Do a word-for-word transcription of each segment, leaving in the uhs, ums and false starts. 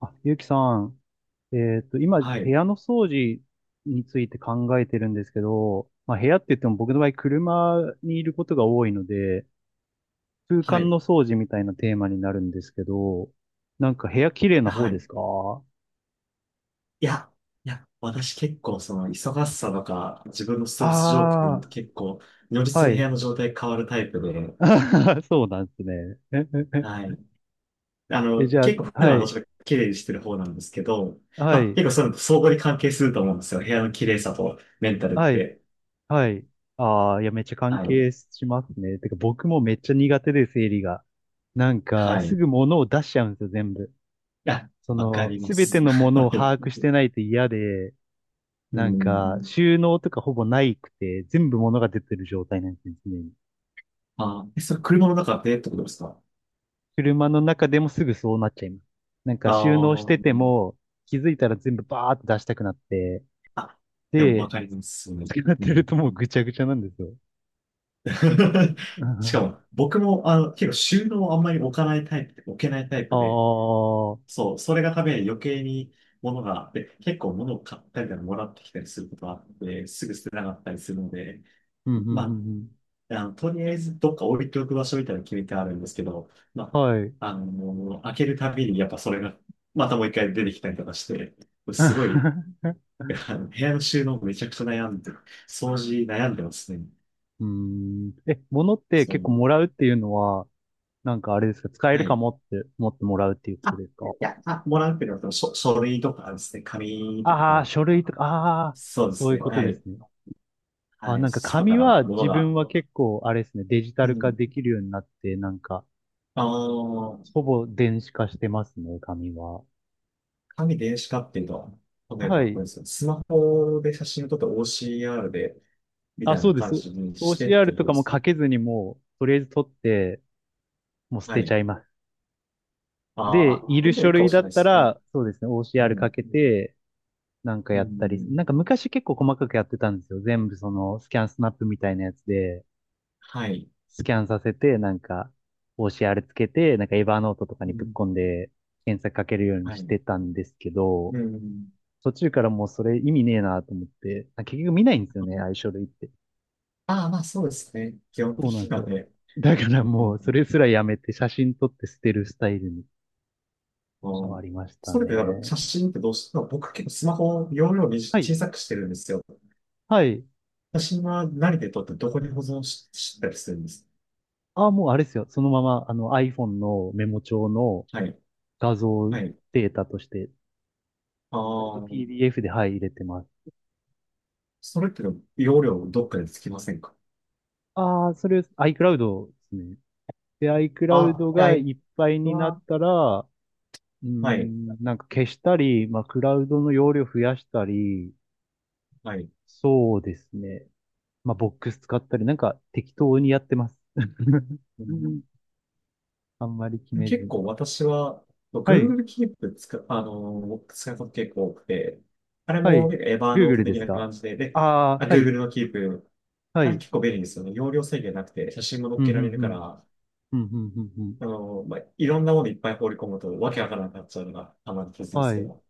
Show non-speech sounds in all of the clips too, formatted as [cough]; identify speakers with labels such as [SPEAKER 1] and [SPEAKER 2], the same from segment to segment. [SPEAKER 1] あ、ゆうきさん、えっと、今、部
[SPEAKER 2] はい、
[SPEAKER 1] 屋の掃除について考えてるんですけど、まあ、部屋って言っても僕の場合、車にいることが多いので、空
[SPEAKER 2] は
[SPEAKER 1] 間
[SPEAKER 2] い、
[SPEAKER 1] の掃除みたいなテーマになるんですけど、なんか部屋綺麗な方
[SPEAKER 2] は
[SPEAKER 1] で
[SPEAKER 2] い。
[SPEAKER 1] すか？
[SPEAKER 2] いや、いや、私結構その忙しさとか自分のストレス状況に
[SPEAKER 1] ああ
[SPEAKER 2] 結構如
[SPEAKER 1] ー、は
[SPEAKER 2] 実に部屋の
[SPEAKER 1] い。
[SPEAKER 2] 状態変わるタイプで、
[SPEAKER 1] [laughs] そうなんですね。
[SPEAKER 2] はい。あ
[SPEAKER 1] [laughs] え、
[SPEAKER 2] の、
[SPEAKER 1] じゃあ、
[SPEAKER 2] 結構普段
[SPEAKER 1] は
[SPEAKER 2] はどっ
[SPEAKER 1] い、
[SPEAKER 2] ちか綺麗にしてる方なんですけど、
[SPEAKER 1] は
[SPEAKER 2] まあ
[SPEAKER 1] い、
[SPEAKER 2] 結構そういうのと相互に関係すると思うんですよ。部屋の綺麗さとメンタルっ
[SPEAKER 1] はい、
[SPEAKER 2] て。
[SPEAKER 1] はい。ああ、いや、めっちゃ関
[SPEAKER 2] はい。
[SPEAKER 1] 係しますね。てか、僕もめっちゃ苦手で、整理が。なんか、
[SPEAKER 2] はい。
[SPEAKER 1] す
[SPEAKER 2] い
[SPEAKER 1] ぐ物を出しちゃうんですよ、全部。
[SPEAKER 2] や、
[SPEAKER 1] そ
[SPEAKER 2] わか
[SPEAKER 1] の、
[SPEAKER 2] りま
[SPEAKER 1] すべて
[SPEAKER 2] す。
[SPEAKER 1] のも
[SPEAKER 2] [laughs]
[SPEAKER 1] の
[SPEAKER 2] は
[SPEAKER 1] を
[SPEAKER 2] い。
[SPEAKER 1] 把握してないと嫌で、
[SPEAKER 2] う
[SPEAKER 1] なん
[SPEAKER 2] ん。
[SPEAKER 1] か、収納とかほぼないくて、全部物が出てる状態なんですね、常に。
[SPEAKER 2] あ、え、それ車の中でってことですか？
[SPEAKER 1] 車の中でもすぐそうなっちゃいます。なんか、
[SPEAKER 2] あ
[SPEAKER 1] 収納し
[SPEAKER 2] あ
[SPEAKER 1] て
[SPEAKER 2] ー、う
[SPEAKER 1] て
[SPEAKER 2] ん。
[SPEAKER 1] も、気づいたら全部バーって出したくなって、
[SPEAKER 2] あ、でもわ
[SPEAKER 1] で、
[SPEAKER 2] かります。う
[SPEAKER 1] 使ってる
[SPEAKER 2] ん。
[SPEAKER 1] ともうぐちゃぐちゃなんですよ。
[SPEAKER 2] [laughs] しかも、
[SPEAKER 1] [laughs]
[SPEAKER 2] 僕も、あの、結構収納をあんまり置かないタイプで、置けないタイ
[SPEAKER 1] あ
[SPEAKER 2] プで、
[SPEAKER 1] あ、うん、
[SPEAKER 2] そう、それがために余計に物が、で、結構物を買ったりとかもらってきたりすることがあって、すぐ捨てなかったりするので、
[SPEAKER 1] うん、う
[SPEAKER 2] ま
[SPEAKER 1] ん、
[SPEAKER 2] あ、あの、とりあえずどっか置いておく場所みたいなの決めてあるんですけど、ま
[SPEAKER 1] うん。は
[SPEAKER 2] あ、
[SPEAKER 1] い。
[SPEAKER 2] あの、開けるたびにやっぱそれが、またもう一回出てきたりとかして、すごい、
[SPEAKER 1] [laughs]
[SPEAKER 2] あの、部屋の収納めちゃくちゃ悩んで、掃除悩んでますね。
[SPEAKER 1] うーん。え、物って
[SPEAKER 2] そ
[SPEAKER 1] 結構
[SPEAKER 2] う。
[SPEAKER 1] もらうっていうのは、なんかあれですか、使え
[SPEAKER 2] は
[SPEAKER 1] るか
[SPEAKER 2] い。
[SPEAKER 1] もって思ってもらうっていうこと
[SPEAKER 2] あ、
[SPEAKER 1] ですか？
[SPEAKER 2] いや、いやあ、もらうっていうのは、書、書類とかですね、紙と
[SPEAKER 1] ああ、
[SPEAKER 2] か、
[SPEAKER 1] 書類とか、ああ、
[SPEAKER 2] そうで
[SPEAKER 1] そう
[SPEAKER 2] す
[SPEAKER 1] いう
[SPEAKER 2] ね、
[SPEAKER 1] まこと
[SPEAKER 2] は
[SPEAKER 1] です
[SPEAKER 2] い。
[SPEAKER 1] ね。あ、
[SPEAKER 2] はい、
[SPEAKER 1] なんか
[SPEAKER 2] 外か
[SPEAKER 1] 紙
[SPEAKER 2] ら
[SPEAKER 1] は
[SPEAKER 2] は、もの
[SPEAKER 1] 自分
[SPEAKER 2] が、
[SPEAKER 1] は結構、あれですね、デジタ
[SPEAKER 2] う
[SPEAKER 1] ル化
[SPEAKER 2] ん。
[SPEAKER 1] できるようになって、なんか、
[SPEAKER 2] あの、
[SPEAKER 1] ほぼ電子化してますね、紙は。
[SPEAKER 2] 紙電子化っていうと、例え
[SPEAKER 1] は
[SPEAKER 2] ば、こ
[SPEAKER 1] い。
[SPEAKER 2] れですね、スマホで写真を撮って オーシーアール で、み
[SPEAKER 1] あ、
[SPEAKER 2] たい
[SPEAKER 1] そ
[SPEAKER 2] な
[SPEAKER 1] うで
[SPEAKER 2] 感
[SPEAKER 1] す。
[SPEAKER 2] じにしてって
[SPEAKER 1] オーシーアール
[SPEAKER 2] いう
[SPEAKER 1] と
[SPEAKER 2] 感
[SPEAKER 1] か
[SPEAKER 2] じ
[SPEAKER 1] も
[SPEAKER 2] ですね。
[SPEAKER 1] 書けずにもう、とりあえず取って、もう捨
[SPEAKER 2] は
[SPEAKER 1] てちゃ
[SPEAKER 2] い。
[SPEAKER 1] います。
[SPEAKER 2] あ
[SPEAKER 1] で、
[SPEAKER 2] あ、
[SPEAKER 1] い
[SPEAKER 2] で
[SPEAKER 1] る
[SPEAKER 2] も
[SPEAKER 1] 書
[SPEAKER 2] いいかも
[SPEAKER 1] 類
[SPEAKER 2] し
[SPEAKER 1] だ
[SPEAKER 2] れ
[SPEAKER 1] っ
[SPEAKER 2] ないで
[SPEAKER 1] た
[SPEAKER 2] すね。
[SPEAKER 1] ら、そうですね、
[SPEAKER 2] う
[SPEAKER 1] オーシーアール か
[SPEAKER 2] ん。
[SPEAKER 1] けて、なんか
[SPEAKER 2] う
[SPEAKER 1] やったり、
[SPEAKER 2] ん。
[SPEAKER 1] なんか昔結構細かくやってたんですよ。全部その、スキャンスナップみたいなやつで。
[SPEAKER 2] はい。
[SPEAKER 1] スキャンさせて、なんか、オーシーアール つけて、なんかエヴァーノートとか
[SPEAKER 2] う
[SPEAKER 1] にぶっ
[SPEAKER 2] ん。
[SPEAKER 1] 込んで、検索かけるように
[SPEAKER 2] は
[SPEAKER 1] し
[SPEAKER 2] い。
[SPEAKER 1] てたんですけど、
[SPEAKER 2] うん。
[SPEAKER 1] 途中からもうそれ意味ねえなと思って、あ結局見ないんですよ
[SPEAKER 2] は
[SPEAKER 1] ね、
[SPEAKER 2] い。
[SPEAKER 1] 相あ書類って。
[SPEAKER 2] ああ、まあそうですね。基本
[SPEAKER 1] そ
[SPEAKER 2] 的
[SPEAKER 1] うなんで
[SPEAKER 2] に
[SPEAKER 1] す
[SPEAKER 2] は
[SPEAKER 1] よ。
[SPEAKER 2] ね。
[SPEAKER 1] だから
[SPEAKER 2] う
[SPEAKER 1] もう、それ
[SPEAKER 2] ん、
[SPEAKER 1] すらやめて、写真撮って捨てるスタイルに変
[SPEAKER 2] う
[SPEAKER 1] わ
[SPEAKER 2] ん。
[SPEAKER 1] りました
[SPEAKER 2] それでなんか
[SPEAKER 1] ね。
[SPEAKER 2] 写真ってどうしても僕結構スマホを容量に
[SPEAKER 1] はい。
[SPEAKER 2] 小さくしてるんですよ。
[SPEAKER 1] はい。
[SPEAKER 2] 写真は何で撮ってどこに保存し、したりするんです？
[SPEAKER 1] あ、もうあれですよ。そのまま、あの iPhone のメモ帳の
[SPEAKER 2] はい。
[SPEAKER 1] 画像
[SPEAKER 2] はい。
[SPEAKER 1] データとして、
[SPEAKER 2] ああ、
[SPEAKER 1] ピーディーエフ で、はい、入れてます。
[SPEAKER 2] それって容量どっかでつきませんか？
[SPEAKER 1] ああ、それ iCloud ですね。で、
[SPEAKER 2] あ、
[SPEAKER 1] iCloud
[SPEAKER 2] は
[SPEAKER 1] が
[SPEAKER 2] い。
[SPEAKER 1] いっぱいになっ
[SPEAKER 2] は、
[SPEAKER 1] たら、うー
[SPEAKER 2] はい。
[SPEAKER 1] ん、なんか消したり、まあ、クラウドの容量増やしたり、
[SPEAKER 2] はい。
[SPEAKER 1] そうですね。まあ、ボックス使ったり、なんか適当にやってます。[laughs]
[SPEAKER 2] う
[SPEAKER 1] うん、
[SPEAKER 2] ん。
[SPEAKER 1] あんまり決めず
[SPEAKER 2] 結
[SPEAKER 1] に。
[SPEAKER 2] 構私は
[SPEAKER 1] はい、
[SPEAKER 2] Google Keep 使う、あのー、使うこと結構多くて、あれ
[SPEAKER 1] は
[SPEAKER 2] も
[SPEAKER 1] い。
[SPEAKER 2] 結構エバーノート
[SPEAKER 1] Google で
[SPEAKER 2] 的
[SPEAKER 1] す
[SPEAKER 2] な
[SPEAKER 1] か？
[SPEAKER 2] 感じで、で、
[SPEAKER 1] あ
[SPEAKER 2] あ、
[SPEAKER 1] あー、はい、
[SPEAKER 2] Google の Keep、
[SPEAKER 1] は
[SPEAKER 2] あれ
[SPEAKER 1] い。
[SPEAKER 2] 結構便利ですよね。容量制限なくて写真も載っ
[SPEAKER 1] うん、う
[SPEAKER 2] け
[SPEAKER 1] ん、
[SPEAKER 2] られる
[SPEAKER 1] う
[SPEAKER 2] か
[SPEAKER 1] ん。
[SPEAKER 2] ら、
[SPEAKER 1] うん、うん、うん、うん。
[SPEAKER 2] あの、まあ、いろんなものいっぱい放り込むと、わけわからなくなっちゃうのが、たまにケツで
[SPEAKER 1] は
[SPEAKER 2] すけ
[SPEAKER 1] い。
[SPEAKER 2] ど、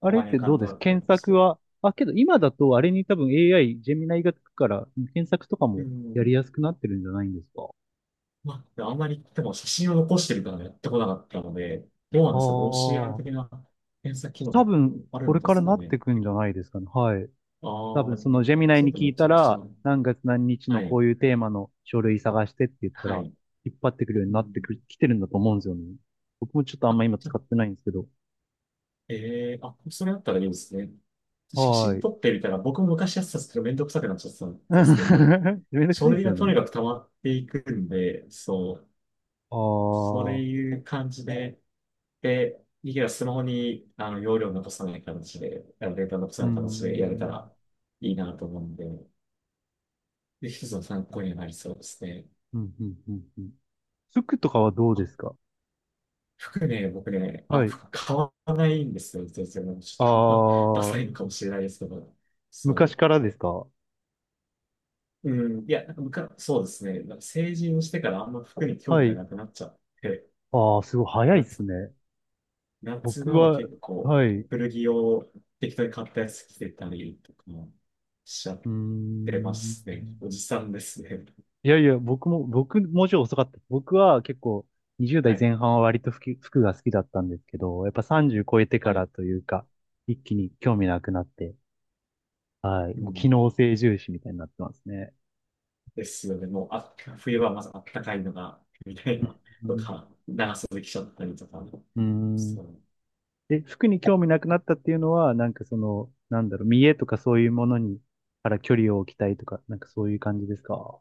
[SPEAKER 1] あ
[SPEAKER 2] た
[SPEAKER 1] れっ
[SPEAKER 2] まにア
[SPEAKER 1] て
[SPEAKER 2] カ
[SPEAKER 1] ど
[SPEAKER 2] ウ
[SPEAKER 1] う
[SPEAKER 2] ン
[SPEAKER 1] で
[SPEAKER 2] ト
[SPEAKER 1] す
[SPEAKER 2] だったり
[SPEAKER 1] 検
[SPEAKER 2] とかし
[SPEAKER 1] 索
[SPEAKER 2] て。
[SPEAKER 1] は、あ、けど今だとあれに多分 エーアイ、ジェミナイがつくから、検索とか
[SPEAKER 2] う
[SPEAKER 1] もやり
[SPEAKER 2] ん。
[SPEAKER 1] やすくなってるんじゃないんですか？
[SPEAKER 2] まあ、あんまり、でも写真を残してるからやってこなかったので、どうなん
[SPEAKER 1] あ
[SPEAKER 2] ですか？ オーシーアール
[SPEAKER 1] あ、
[SPEAKER 2] 的な検査機
[SPEAKER 1] 多
[SPEAKER 2] 能
[SPEAKER 1] 分、
[SPEAKER 2] ある
[SPEAKER 1] こ
[SPEAKER 2] ん
[SPEAKER 1] れ
[SPEAKER 2] で
[SPEAKER 1] から
[SPEAKER 2] すか
[SPEAKER 1] なって
[SPEAKER 2] ね？
[SPEAKER 1] くんじゃないですかね。はい。
[SPEAKER 2] あ
[SPEAKER 1] 多
[SPEAKER 2] あ
[SPEAKER 1] 分、
[SPEAKER 2] ー、
[SPEAKER 1] そのジェミナイ
[SPEAKER 2] ちょっ
[SPEAKER 1] に
[SPEAKER 2] と
[SPEAKER 1] 聞
[SPEAKER 2] め
[SPEAKER 1] い
[SPEAKER 2] ち
[SPEAKER 1] た
[SPEAKER 2] ゃくちゃ。
[SPEAKER 1] ら、何月何日
[SPEAKER 2] は
[SPEAKER 1] のこ
[SPEAKER 2] い。
[SPEAKER 1] ういうテーマの書類探してって言った
[SPEAKER 2] は
[SPEAKER 1] ら、
[SPEAKER 2] い。
[SPEAKER 1] 引っ張ってくるように
[SPEAKER 2] う
[SPEAKER 1] なって
[SPEAKER 2] ん。
[SPEAKER 1] くる、来てるんだと思うんですよね。僕もちょっとあんま今
[SPEAKER 2] じゃ、
[SPEAKER 1] 使ってないんですけど。
[SPEAKER 2] えー、あ、それだったらいいですね。写
[SPEAKER 1] は
[SPEAKER 2] 真
[SPEAKER 1] い。
[SPEAKER 2] 撮ってみたら、僕も昔やってたんですけど、めんどくさくなっちゃってたんですけど、
[SPEAKER 1] [laughs] めんどくさ
[SPEAKER 2] 書
[SPEAKER 1] いで
[SPEAKER 2] 類
[SPEAKER 1] すよ
[SPEAKER 2] が
[SPEAKER 1] ね。
[SPEAKER 2] とにかく溜まっていくんで、そう、
[SPEAKER 1] あ
[SPEAKER 2] そう
[SPEAKER 1] あ、う
[SPEAKER 2] いう感じで、で、いや、スマホにあの容量を残さない形で、あのデータを残さ
[SPEAKER 1] ー
[SPEAKER 2] ない形でやれた
[SPEAKER 1] ん。
[SPEAKER 2] らいいなと思うんで、で、一つの参考にはなりそうですね。
[SPEAKER 1] うん、うん、うん、うん。服とかはどうで
[SPEAKER 2] あ、
[SPEAKER 1] すか？
[SPEAKER 2] 服ね、僕ね、あ、
[SPEAKER 1] はい。
[SPEAKER 2] 服買わないんですよ、全然。ち
[SPEAKER 1] あ
[SPEAKER 2] ょっとあんまダサ
[SPEAKER 1] あ、
[SPEAKER 2] いのかもしれないですけど、そ
[SPEAKER 1] 昔
[SPEAKER 2] う。
[SPEAKER 1] からですか？
[SPEAKER 2] うん、いや、なんかむかそうですね。なんか成人をしてからあんま服に興
[SPEAKER 1] は
[SPEAKER 2] 味が
[SPEAKER 1] い。
[SPEAKER 2] なくなっちゃって、
[SPEAKER 1] ああ、すごい早い
[SPEAKER 2] な
[SPEAKER 1] っ
[SPEAKER 2] んつ
[SPEAKER 1] す
[SPEAKER 2] うの、
[SPEAKER 1] ね。
[SPEAKER 2] 夏
[SPEAKER 1] 僕
[SPEAKER 2] 場は
[SPEAKER 1] は、
[SPEAKER 2] 結構
[SPEAKER 1] はい。う
[SPEAKER 2] 古着を適当に買ったやつ着てたりとかもしちゃっ
[SPEAKER 1] ー
[SPEAKER 2] てま
[SPEAKER 1] ん。
[SPEAKER 2] すね。おじさんですね。
[SPEAKER 1] いやいや、僕も、僕、もうちょい遅かった。僕は結構、
[SPEAKER 2] は
[SPEAKER 1] にじゅうだい
[SPEAKER 2] い。
[SPEAKER 1] 代前半は割と服、服が好きだったんですけど、やっぱさんじゅう超えてか
[SPEAKER 2] は
[SPEAKER 1] ら
[SPEAKER 2] い。
[SPEAKER 1] というか、一気に興味なくなって、はい。
[SPEAKER 2] う
[SPEAKER 1] もう機
[SPEAKER 2] ん。
[SPEAKER 1] 能性重視みたいになってますね。
[SPEAKER 2] ですよね。もうあ、冬はまずあったかいのが、みたいな、
[SPEAKER 1] う
[SPEAKER 2] と
[SPEAKER 1] ん。
[SPEAKER 2] か、長袖着ちゃったりとか。
[SPEAKER 1] うん。うん。
[SPEAKER 2] そう。
[SPEAKER 1] で、服に興味なくなったっていうのは、なんかその、なんだろう、見栄とかそういうものに、から距離を置きたいとか、なんかそういう感じですか？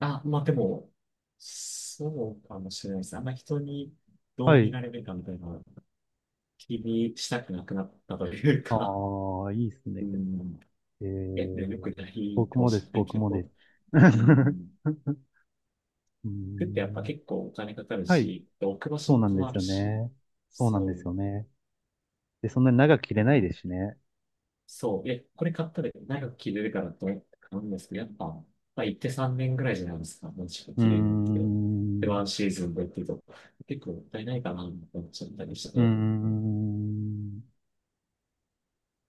[SPEAKER 2] あ、まあでも、そうかもしれないです。あんまり人にど
[SPEAKER 1] は
[SPEAKER 2] う見
[SPEAKER 1] い。
[SPEAKER 2] られるかみたいなのを気にしたくなくなったというか、
[SPEAKER 1] ああ、いいっす
[SPEAKER 2] う
[SPEAKER 1] ね。
[SPEAKER 2] ん。
[SPEAKER 1] え
[SPEAKER 2] いや、ね、よ
[SPEAKER 1] ー、
[SPEAKER 2] くない
[SPEAKER 1] 僕
[SPEAKER 2] かも
[SPEAKER 1] もで
[SPEAKER 2] し
[SPEAKER 1] す、
[SPEAKER 2] れない
[SPEAKER 1] 僕
[SPEAKER 2] け
[SPEAKER 1] もで
[SPEAKER 2] ど。
[SPEAKER 1] す。
[SPEAKER 2] うん。
[SPEAKER 1] [laughs] うー
[SPEAKER 2] 服ってやっぱ
[SPEAKER 1] ん、
[SPEAKER 2] 結構お金かかる
[SPEAKER 1] はい、
[SPEAKER 2] し、で置く場所
[SPEAKER 1] そう
[SPEAKER 2] も
[SPEAKER 1] なんで
[SPEAKER 2] 困
[SPEAKER 1] す
[SPEAKER 2] る
[SPEAKER 1] よ
[SPEAKER 2] し、
[SPEAKER 1] ね。そうなん
[SPEAKER 2] そ
[SPEAKER 1] です
[SPEAKER 2] う、
[SPEAKER 1] よね。で、そんなに長く切
[SPEAKER 2] な
[SPEAKER 1] れ
[SPEAKER 2] んか
[SPEAKER 1] ないですしね。
[SPEAKER 2] そう、え、これ買ったら長く着れるからと思って買うんですけど、やっぱ、まあ、行ってさんねんぐらいじゃないですか、もちろん
[SPEAKER 1] うー
[SPEAKER 2] 着れるんで。で、
[SPEAKER 1] ん、う
[SPEAKER 2] ワンシーズンでっていうと、結構もったいないかなと思っちゃったりし
[SPEAKER 1] ー
[SPEAKER 2] て、
[SPEAKER 1] ん、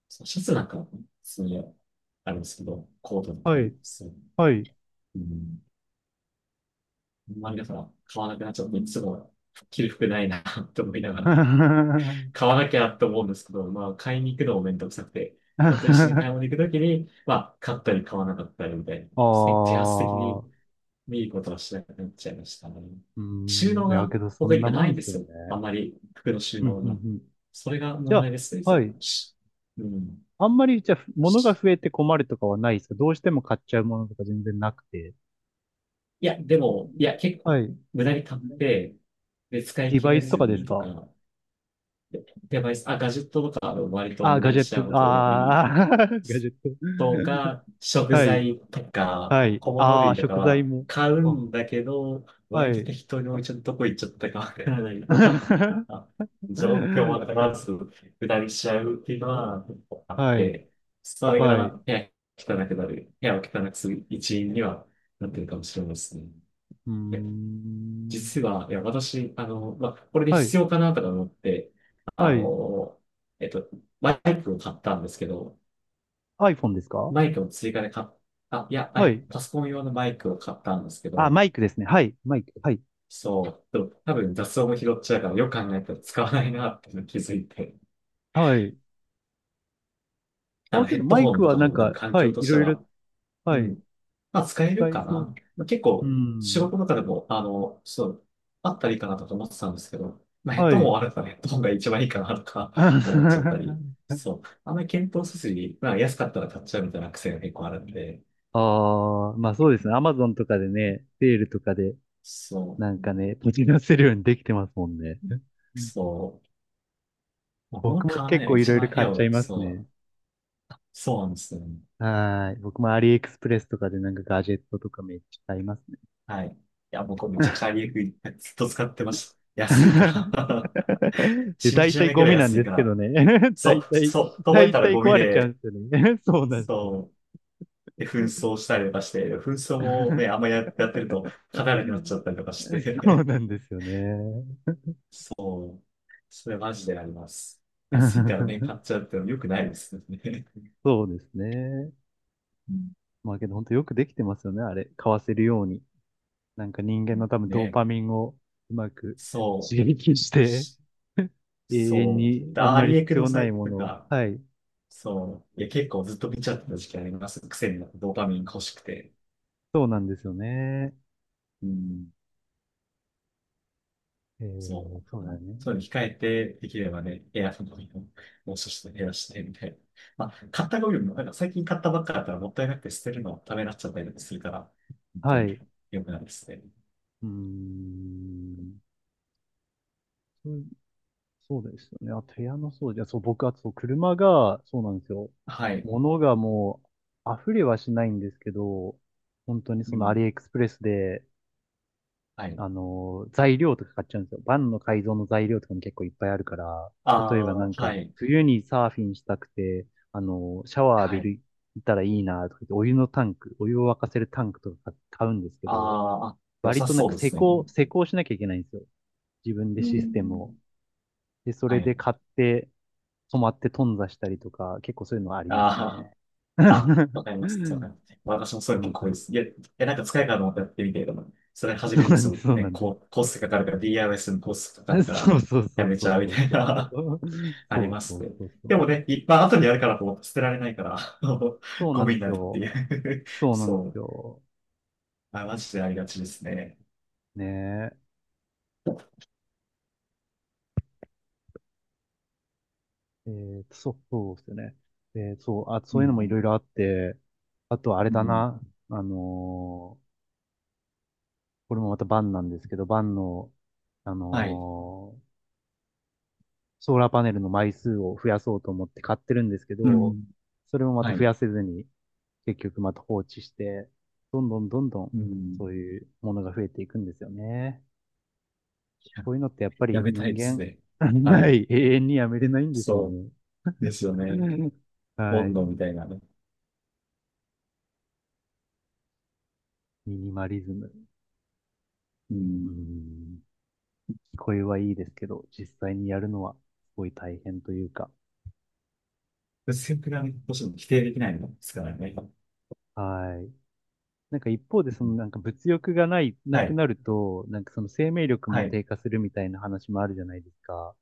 [SPEAKER 2] そうシャツなんか、すげえ、あるんですけど、コートと
[SPEAKER 1] は
[SPEAKER 2] か、
[SPEAKER 1] い、
[SPEAKER 2] そう、
[SPEAKER 1] はい。
[SPEAKER 2] うん、あんまりだから買わなくなっちゃって、いつも着る服ないな [laughs] と思いながら、買わ
[SPEAKER 1] [laughs]
[SPEAKER 2] なきゃって思うんですけど、まあ、買いに行くのもめんどくさくて、人と一緒に買い
[SPEAKER 1] あ
[SPEAKER 2] 物行くときに、まあ、買ったり買わなかったりみたいな、
[SPEAKER 1] あ、
[SPEAKER 2] せ自発的に
[SPEAKER 1] う
[SPEAKER 2] 見ることはしなくなっちゃいましたね。
[SPEAKER 1] ー
[SPEAKER 2] 収
[SPEAKER 1] ん、
[SPEAKER 2] 納
[SPEAKER 1] いや、
[SPEAKER 2] が
[SPEAKER 1] けどそ
[SPEAKER 2] 僕
[SPEAKER 1] んな
[SPEAKER 2] 今な
[SPEAKER 1] も
[SPEAKER 2] い
[SPEAKER 1] ん
[SPEAKER 2] んで
[SPEAKER 1] です
[SPEAKER 2] す
[SPEAKER 1] よね。
[SPEAKER 2] よ。あんまり服の収
[SPEAKER 1] うん、
[SPEAKER 2] 納
[SPEAKER 1] うん、
[SPEAKER 2] が。
[SPEAKER 1] うん。
[SPEAKER 2] それが
[SPEAKER 1] じゃ
[SPEAKER 2] 問題
[SPEAKER 1] あ、
[SPEAKER 2] ですね、そ
[SPEAKER 1] は
[SPEAKER 2] れ
[SPEAKER 1] い。
[SPEAKER 2] し、うん。
[SPEAKER 1] あんまり、じゃあ、物が
[SPEAKER 2] し、
[SPEAKER 1] 増えて困るとかはないですか？どうしても買っちゃうものとか全然なくて。
[SPEAKER 2] いや、でも、いや、結構、
[SPEAKER 1] はい。
[SPEAKER 2] 無駄に買って、で、使い
[SPEAKER 1] デ
[SPEAKER 2] 切
[SPEAKER 1] バイ
[SPEAKER 2] れ
[SPEAKER 1] スと
[SPEAKER 2] ず
[SPEAKER 1] かです
[SPEAKER 2] にと
[SPEAKER 1] か？
[SPEAKER 2] か、やばいです。あ、ガジェットとか割と
[SPEAKER 1] あー、
[SPEAKER 2] 無
[SPEAKER 1] ガ
[SPEAKER 2] 駄
[SPEAKER 1] ジ
[SPEAKER 2] に
[SPEAKER 1] ェ
[SPEAKER 2] し
[SPEAKER 1] ッ
[SPEAKER 2] ち
[SPEAKER 1] ト、
[SPEAKER 2] ゃうこと多い
[SPEAKER 1] ああ、[laughs] ガジェット。
[SPEAKER 2] とか、食
[SPEAKER 1] はい。
[SPEAKER 2] 材とか、
[SPEAKER 1] はい。
[SPEAKER 2] 小物
[SPEAKER 1] ああ、
[SPEAKER 2] 類とか
[SPEAKER 1] 食材
[SPEAKER 2] は
[SPEAKER 1] も。
[SPEAKER 2] 買う
[SPEAKER 1] あ、
[SPEAKER 2] んだけど、
[SPEAKER 1] は
[SPEAKER 2] 割と
[SPEAKER 1] い。
[SPEAKER 2] 適当に置いちゃったとこ行っちゃったかわからないとか、
[SPEAKER 1] [laughs]
[SPEAKER 2] あ、状況をまず下りしちゃうっていうのはあっ
[SPEAKER 1] はい。
[SPEAKER 2] て、それ
[SPEAKER 1] はい。
[SPEAKER 2] が
[SPEAKER 1] う
[SPEAKER 2] 部屋汚くなる、部屋を汚くする一因にはなってるかもしれないですね。
[SPEAKER 1] ー
[SPEAKER 2] で
[SPEAKER 1] ん。
[SPEAKER 2] 実は、いや、私、あの、まあ、これで
[SPEAKER 1] はい。
[SPEAKER 2] 必要かなとか思って、あ
[SPEAKER 1] はい。
[SPEAKER 2] の、えっと、バイクを買ったんですけど、
[SPEAKER 1] iPhone ですか？
[SPEAKER 2] マイクも追加で買っ、あ、いや、は
[SPEAKER 1] は
[SPEAKER 2] い、
[SPEAKER 1] い。
[SPEAKER 2] パソコン用のマイクを買ったんですけ
[SPEAKER 1] あ、
[SPEAKER 2] ど、
[SPEAKER 1] マイクですね。はい。マイク。はい。
[SPEAKER 2] そう、でも多分雑音も拾っちゃうから、よく考えたら使わないなっていうのに気づいて、
[SPEAKER 1] はい。
[SPEAKER 2] あ
[SPEAKER 1] あ、
[SPEAKER 2] の、
[SPEAKER 1] け
[SPEAKER 2] ヘ
[SPEAKER 1] ど
[SPEAKER 2] ッド
[SPEAKER 1] マイ
[SPEAKER 2] ホ
[SPEAKER 1] ク
[SPEAKER 2] ンと
[SPEAKER 1] は
[SPEAKER 2] か
[SPEAKER 1] なん
[SPEAKER 2] も多分
[SPEAKER 1] か、
[SPEAKER 2] 環
[SPEAKER 1] は
[SPEAKER 2] 境
[SPEAKER 1] い。
[SPEAKER 2] と
[SPEAKER 1] い
[SPEAKER 2] して
[SPEAKER 1] ろいろ、
[SPEAKER 2] は、
[SPEAKER 1] は
[SPEAKER 2] う
[SPEAKER 1] い。
[SPEAKER 2] ん、まあ使え
[SPEAKER 1] 使
[SPEAKER 2] る
[SPEAKER 1] え
[SPEAKER 2] か
[SPEAKER 1] そう。
[SPEAKER 2] な。まあ結
[SPEAKER 1] う
[SPEAKER 2] 構、仕
[SPEAKER 1] ん。
[SPEAKER 2] 事とかでも、あの、そう、あったらいいかなとか思ってたんですけど、まあヘッ
[SPEAKER 1] は
[SPEAKER 2] ドホン
[SPEAKER 1] い。
[SPEAKER 2] あるからヘッドホンが一番いいかなとか [laughs] 思っちゃったり、
[SPEAKER 1] [laughs]
[SPEAKER 2] そう、あんまり検討せずに、まあ安かったら買っちゃうみたいな癖が結構あるんで、
[SPEAKER 1] ああ、まあそうですね。アマゾンとかでね、セールとかで、
[SPEAKER 2] そ
[SPEAKER 1] なんかね、持ち出せるようにできてますもんね。う
[SPEAKER 2] う。
[SPEAKER 1] ん、
[SPEAKER 2] そうまあ物
[SPEAKER 1] 僕も
[SPEAKER 2] 買わない
[SPEAKER 1] 結
[SPEAKER 2] のが
[SPEAKER 1] 構い
[SPEAKER 2] 一
[SPEAKER 1] ろいろ
[SPEAKER 2] 番部
[SPEAKER 1] 買っ
[SPEAKER 2] 屋
[SPEAKER 1] ちゃい
[SPEAKER 2] を、
[SPEAKER 1] ます
[SPEAKER 2] そ
[SPEAKER 1] ね。
[SPEAKER 2] う、そうなんですよね。
[SPEAKER 1] はーい。僕もアリエクスプレスとかでなんかガジェットとかめっちゃ買いますね。
[SPEAKER 2] はい。いや、僕めちゃくちゃアリエクイずっと使ってました。安いから。
[SPEAKER 1] [laughs]
[SPEAKER 2] [laughs]
[SPEAKER 1] で、
[SPEAKER 2] 信
[SPEAKER 1] 大
[SPEAKER 2] じら
[SPEAKER 1] 体
[SPEAKER 2] れないく
[SPEAKER 1] ゴ
[SPEAKER 2] らい
[SPEAKER 1] ミなん
[SPEAKER 2] 安
[SPEAKER 1] で
[SPEAKER 2] い
[SPEAKER 1] す
[SPEAKER 2] か
[SPEAKER 1] けど
[SPEAKER 2] ら。
[SPEAKER 1] ね。[laughs]
[SPEAKER 2] そ
[SPEAKER 1] 大
[SPEAKER 2] う、
[SPEAKER 1] 体、
[SPEAKER 2] そう、届い
[SPEAKER 1] 大
[SPEAKER 2] たら
[SPEAKER 1] 体
[SPEAKER 2] ゴミ
[SPEAKER 1] 壊れちゃうん
[SPEAKER 2] で、
[SPEAKER 1] ですよね。[laughs] そうなんですよ。
[SPEAKER 2] そう、で、紛争したりとかして、紛争もね、あんまや、やってると、
[SPEAKER 1] [laughs]
[SPEAKER 2] 勝たなくなっちゃったりとかし
[SPEAKER 1] そう
[SPEAKER 2] て。
[SPEAKER 1] なんですよね。
[SPEAKER 2] [laughs] そう、それマジであります。安いからね、買
[SPEAKER 1] [laughs]
[SPEAKER 2] っちゃうってのも良くないですよね。
[SPEAKER 1] そうですね。
[SPEAKER 2] [laughs] うん、
[SPEAKER 1] まあけど本当よくできてますよね。あれ、買わせるように。なんか人間の多分ドー
[SPEAKER 2] ね、
[SPEAKER 1] パミンをうまく
[SPEAKER 2] そ
[SPEAKER 1] 刺激し
[SPEAKER 2] う、
[SPEAKER 1] て、
[SPEAKER 2] し、
[SPEAKER 1] [laughs] 永遠
[SPEAKER 2] そう、
[SPEAKER 1] にあん
[SPEAKER 2] ダ
[SPEAKER 1] ま
[SPEAKER 2] ー
[SPEAKER 1] り
[SPEAKER 2] リエク
[SPEAKER 1] 必
[SPEAKER 2] の
[SPEAKER 1] 要
[SPEAKER 2] サ
[SPEAKER 1] ない
[SPEAKER 2] イ
[SPEAKER 1] も
[SPEAKER 2] トと
[SPEAKER 1] のを。
[SPEAKER 2] か、
[SPEAKER 1] はい。
[SPEAKER 2] そう。いや、結構ずっと見ちゃってた時期あります。癖になってドーパミンが欲しくて。
[SPEAKER 1] そうなんですよね。
[SPEAKER 2] うん。
[SPEAKER 1] え
[SPEAKER 2] そ
[SPEAKER 1] ー、そう
[SPEAKER 2] う。あ
[SPEAKER 1] だよ
[SPEAKER 2] の、
[SPEAKER 1] ね。
[SPEAKER 2] そういうの控えて、できればね、エアフォンのをもう少し減らして、みたいな。まあ、買ったゴミもね、なんか最近買ったばっかだったらもったいなくて捨てるのためになっちゃったりとかするから、本当
[SPEAKER 1] は
[SPEAKER 2] に
[SPEAKER 1] い。う
[SPEAKER 2] 良くないですね。
[SPEAKER 1] ーん。そう、そうですよね。あと部屋の掃除。あそう、僕、あとそう車が、そうなんですよ。
[SPEAKER 2] はい。
[SPEAKER 1] 物がもう、溢れはしないんですけど、本当に
[SPEAKER 2] う
[SPEAKER 1] そのア
[SPEAKER 2] ん。
[SPEAKER 1] リエクスプレスで、
[SPEAKER 2] はい。
[SPEAKER 1] あの、材料とか買っちゃうんですよ。バンの改造の材料とかも結構いっぱいあるから、
[SPEAKER 2] あ
[SPEAKER 1] 例えばな
[SPEAKER 2] あ、
[SPEAKER 1] ん
[SPEAKER 2] は
[SPEAKER 1] か、
[SPEAKER 2] い。
[SPEAKER 1] 冬にサーフィンしたくて、あの、シャワー浴
[SPEAKER 2] は
[SPEAKER 1] び
[SPEAKER 2] い。
[SPEAKER 1] る、いたらいいなとか言って、お湯のタンク、お湯を沸かせるタンクとか買うんですけ
[SPEAKER 2] あ
[SPEAKER 1] ど、
[SPEAKER 2] ーあ、良
[SPEAKER 1] 割
[SPEAKER 2] さ
[SPEAKER 1] となん
[SPEAKER 2] そう
[SPEAKER 1] か
[SPEAKER 2] で
[SPEAKER 1] 施
[SPEAKER 2] すね。
[SPEAKER 1] 工、施工しなきゃいけないんですよ。自分で
[SPEAKER 2] う
[SPEAKER 1] システム
[SPEAKER 2] ん。
[SPEAKER 1] を。で、そ
[SPEAKER 2] は
[SPEAKER 1] れで
[SPEAKER 2] い。
[SPEAKER 1] 買って、止まって頓挫したりとか、結構そういうのはあります
[SPEAKER 2] あ
[SPEAKER 1] ね。[laughs] そ
[SPEAKER 2] あ。あ、わかります。わかります。私もそうい
[SPEAKER 1] う
[SPEAKER 2] うの
[SPEAKER 1] なん
[SPEAKER 2] 結
[SPEAKER 1] で
[SPEAKER 2] 構多いで
[SPEAKER 1] す。
[SPEAKER 2] す。いや、いや、なんか使えるかと思ってやってみて、でも、それ
[SPEAKER 1] [laughs]
[SPEAKER 2] 始め
[SPEAKER 1] そう
[SPEAKER 2] るの
[SPEAKER 1] な
[SPEAKER 2] す
[SPEAKER 1] ん
[SPEAKER 2] ご
[SPEAKER 1] です。
[SPEAKER 2] い
[SPEAKER 1] そう
[SPEAKER 2] ね、
[SPEAKER 1] なんです。
[SPEAKER 2] こう、コーストかかるから、ディーアイワイ のコーストか
[SPEAKER 1] [laughs]
[SPEAKER 2] かるか
[SPEAKER 1] そう
[SPEAKER 2] ら、
[SPEAKER 1] そうそ
[SPEAKER 2] や
[SPEAKER 1] う
[SPEAKER 2] め
[SPEAKER 1] そ
[SPEAKER 2] ち
[SPEAKER 1] う
[SPEAKER 2] ゃうみ
[SPEAKER 1] そう
[SPEAKER 2] たい
[SPEAKER 1] そうそ
[SPEAKER 2] な
[SPEAKER 1] う。
[SPEAKER 2] [laughs] あり
[SPEAKER 1] そう
[SPEAKER 2] ま
[SPEAKER 1] そ
[SPEAKER 2] す
[SPEAKER 1] う
[SPEAKER 2] ね。
[SPEAKER 1] そうそ
[SPEAKER 2] で
[SPEAKER 1] う。
[SPEAKER 2] もね、いっぱい後にやるからと思って捨てられないから、[laughs] あの
[SPEAKER 1] そう
[SPEAKER 2] ゴ
[SPEAKER 1] なん
[SPEAKER 2] ミに
[SPEAKER 1] です
[SPEAKER 2] なるって
[SPEAKER 1] よ。
[SPEAKER 2] いう [laughs]
[SPEAKER 1] そうなんで
[SPEAKER 2] そ
[SPEAKER 1] す
[SPEAKER 2] う。
[SPEAKER 1] よ。
[SPEAKER 2] あ、マジでありがちですね。
[SPEAKER 1] ねえ。えーと、そう、そうですよね。えーそう、あ、そ
[SPEAKER 2] う
[SPEAKER 1] ういうのもい
[SPEAKER 2] ん、
[SPEAKER 1] ろいろあって、あとあれ
[SPEAKER 2] う
[SPEAKER 1] だ
[SPEAKER 2] ん、
[SPEAKER 1] な。あのーこれもまたバンなんですけど、バンの、あ
[SPEAKER 2] はい。
[SPEAKER 1] のーソーラーパネルの枚数を増やそうと思って買ってるんですけ
[SPEAKER 2] う
[SPEAKER 1] ど、
[SPEAKER 2] ん、
[SPEAKER 1] それもまた
[SPEAKER 2] は
[SPEAKER 1] 増
[SPEAKER 2] い。
[SPEAKER 1] やせずに、結局また放置して、どんどんどんどん、
[SPEAKER 2] うん、
[SPEAKER 1] そういうものが増えていくんですよね。
[SPEAKER 2] や、
[SPEAKER 1] こういうのってやっぱ
[SPEAKER 2] や
[SPEAKER 1] り
[SPEAKER 2] めたい
[SPEAKER 1] 人
[SPEAKER 2] です
[SPEAKER 1] 間、
[SPEAKER 2] ね。
[SPEAKER 1] [laughs]
[SPEAKER 2] は
[SPEAKER 1] な
[SPEAKER 2] い。
[SPEAKER 1] い、永遠にやめれないんでしょう
[SPEAKER 2] そ
[SPEAKER 1] ね。
[SPEAKER 2] うですよね。
[SPEAKER 1] [laughs]
[SPEAKER 2] ボ
[SPEAKER 1] は
[SPEAKER 2] ン
[SPEAKER 1] い。
[SPEAKER 2] ドみたいなね。
[SPEAKER 1] ミニマリズム。
[SPEAKER 2] う
[SPEAKER 1] うー
[SPEAKER 2] ん、
[SPEAKER 1] ん。聞こえはいいですけど、実際にやるのはすごい大変というか。
[SPEAKER 2] 薄くなることも否定できないのですからね。う
[SPEAKER 1] はい。なんか一方で、そのなん
[SPEAKER 2] ん、
[SPEAKER 1] か物欲がない、な
[SPEAKER 2] は
[SPEAKER 1] く
[SPEAKER 2] い。
[SPEAKER 1] なると、なんかその生命力
[SPEAKER 2] は
[SPEAKER 1] も
[SPEAKER 2] い。
[SPEAKER 1] 低下するみたいな話もあるじゃないですか。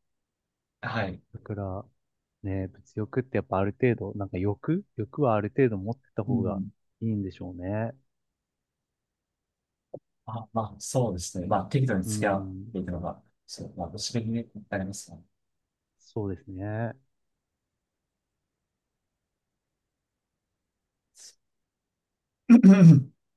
[SPEAKER 2] はい。
[SPEAKER 1] だから、ね、物欲ってやっぱある程度、なんか欲欲はある程度持ってた
[SPEAKER 2] う
[SPEAKER 1] 方が
[SPEAKER 2] ん。
[SPEAKER 1] いいんでしょうね。
[SPEAKER 2] あ、まあ、そうですね。まあ、適度に
[SPEAKER 1] う
[SPEAKER 2] 付き合っ
[SPEAKER 1] ん。
[SPEAKER 2] ていくのが、そう、まあ、ご指摘になりますね。
[SPEAKER 1] そうですね。
[SPEAKER 2] [laughs]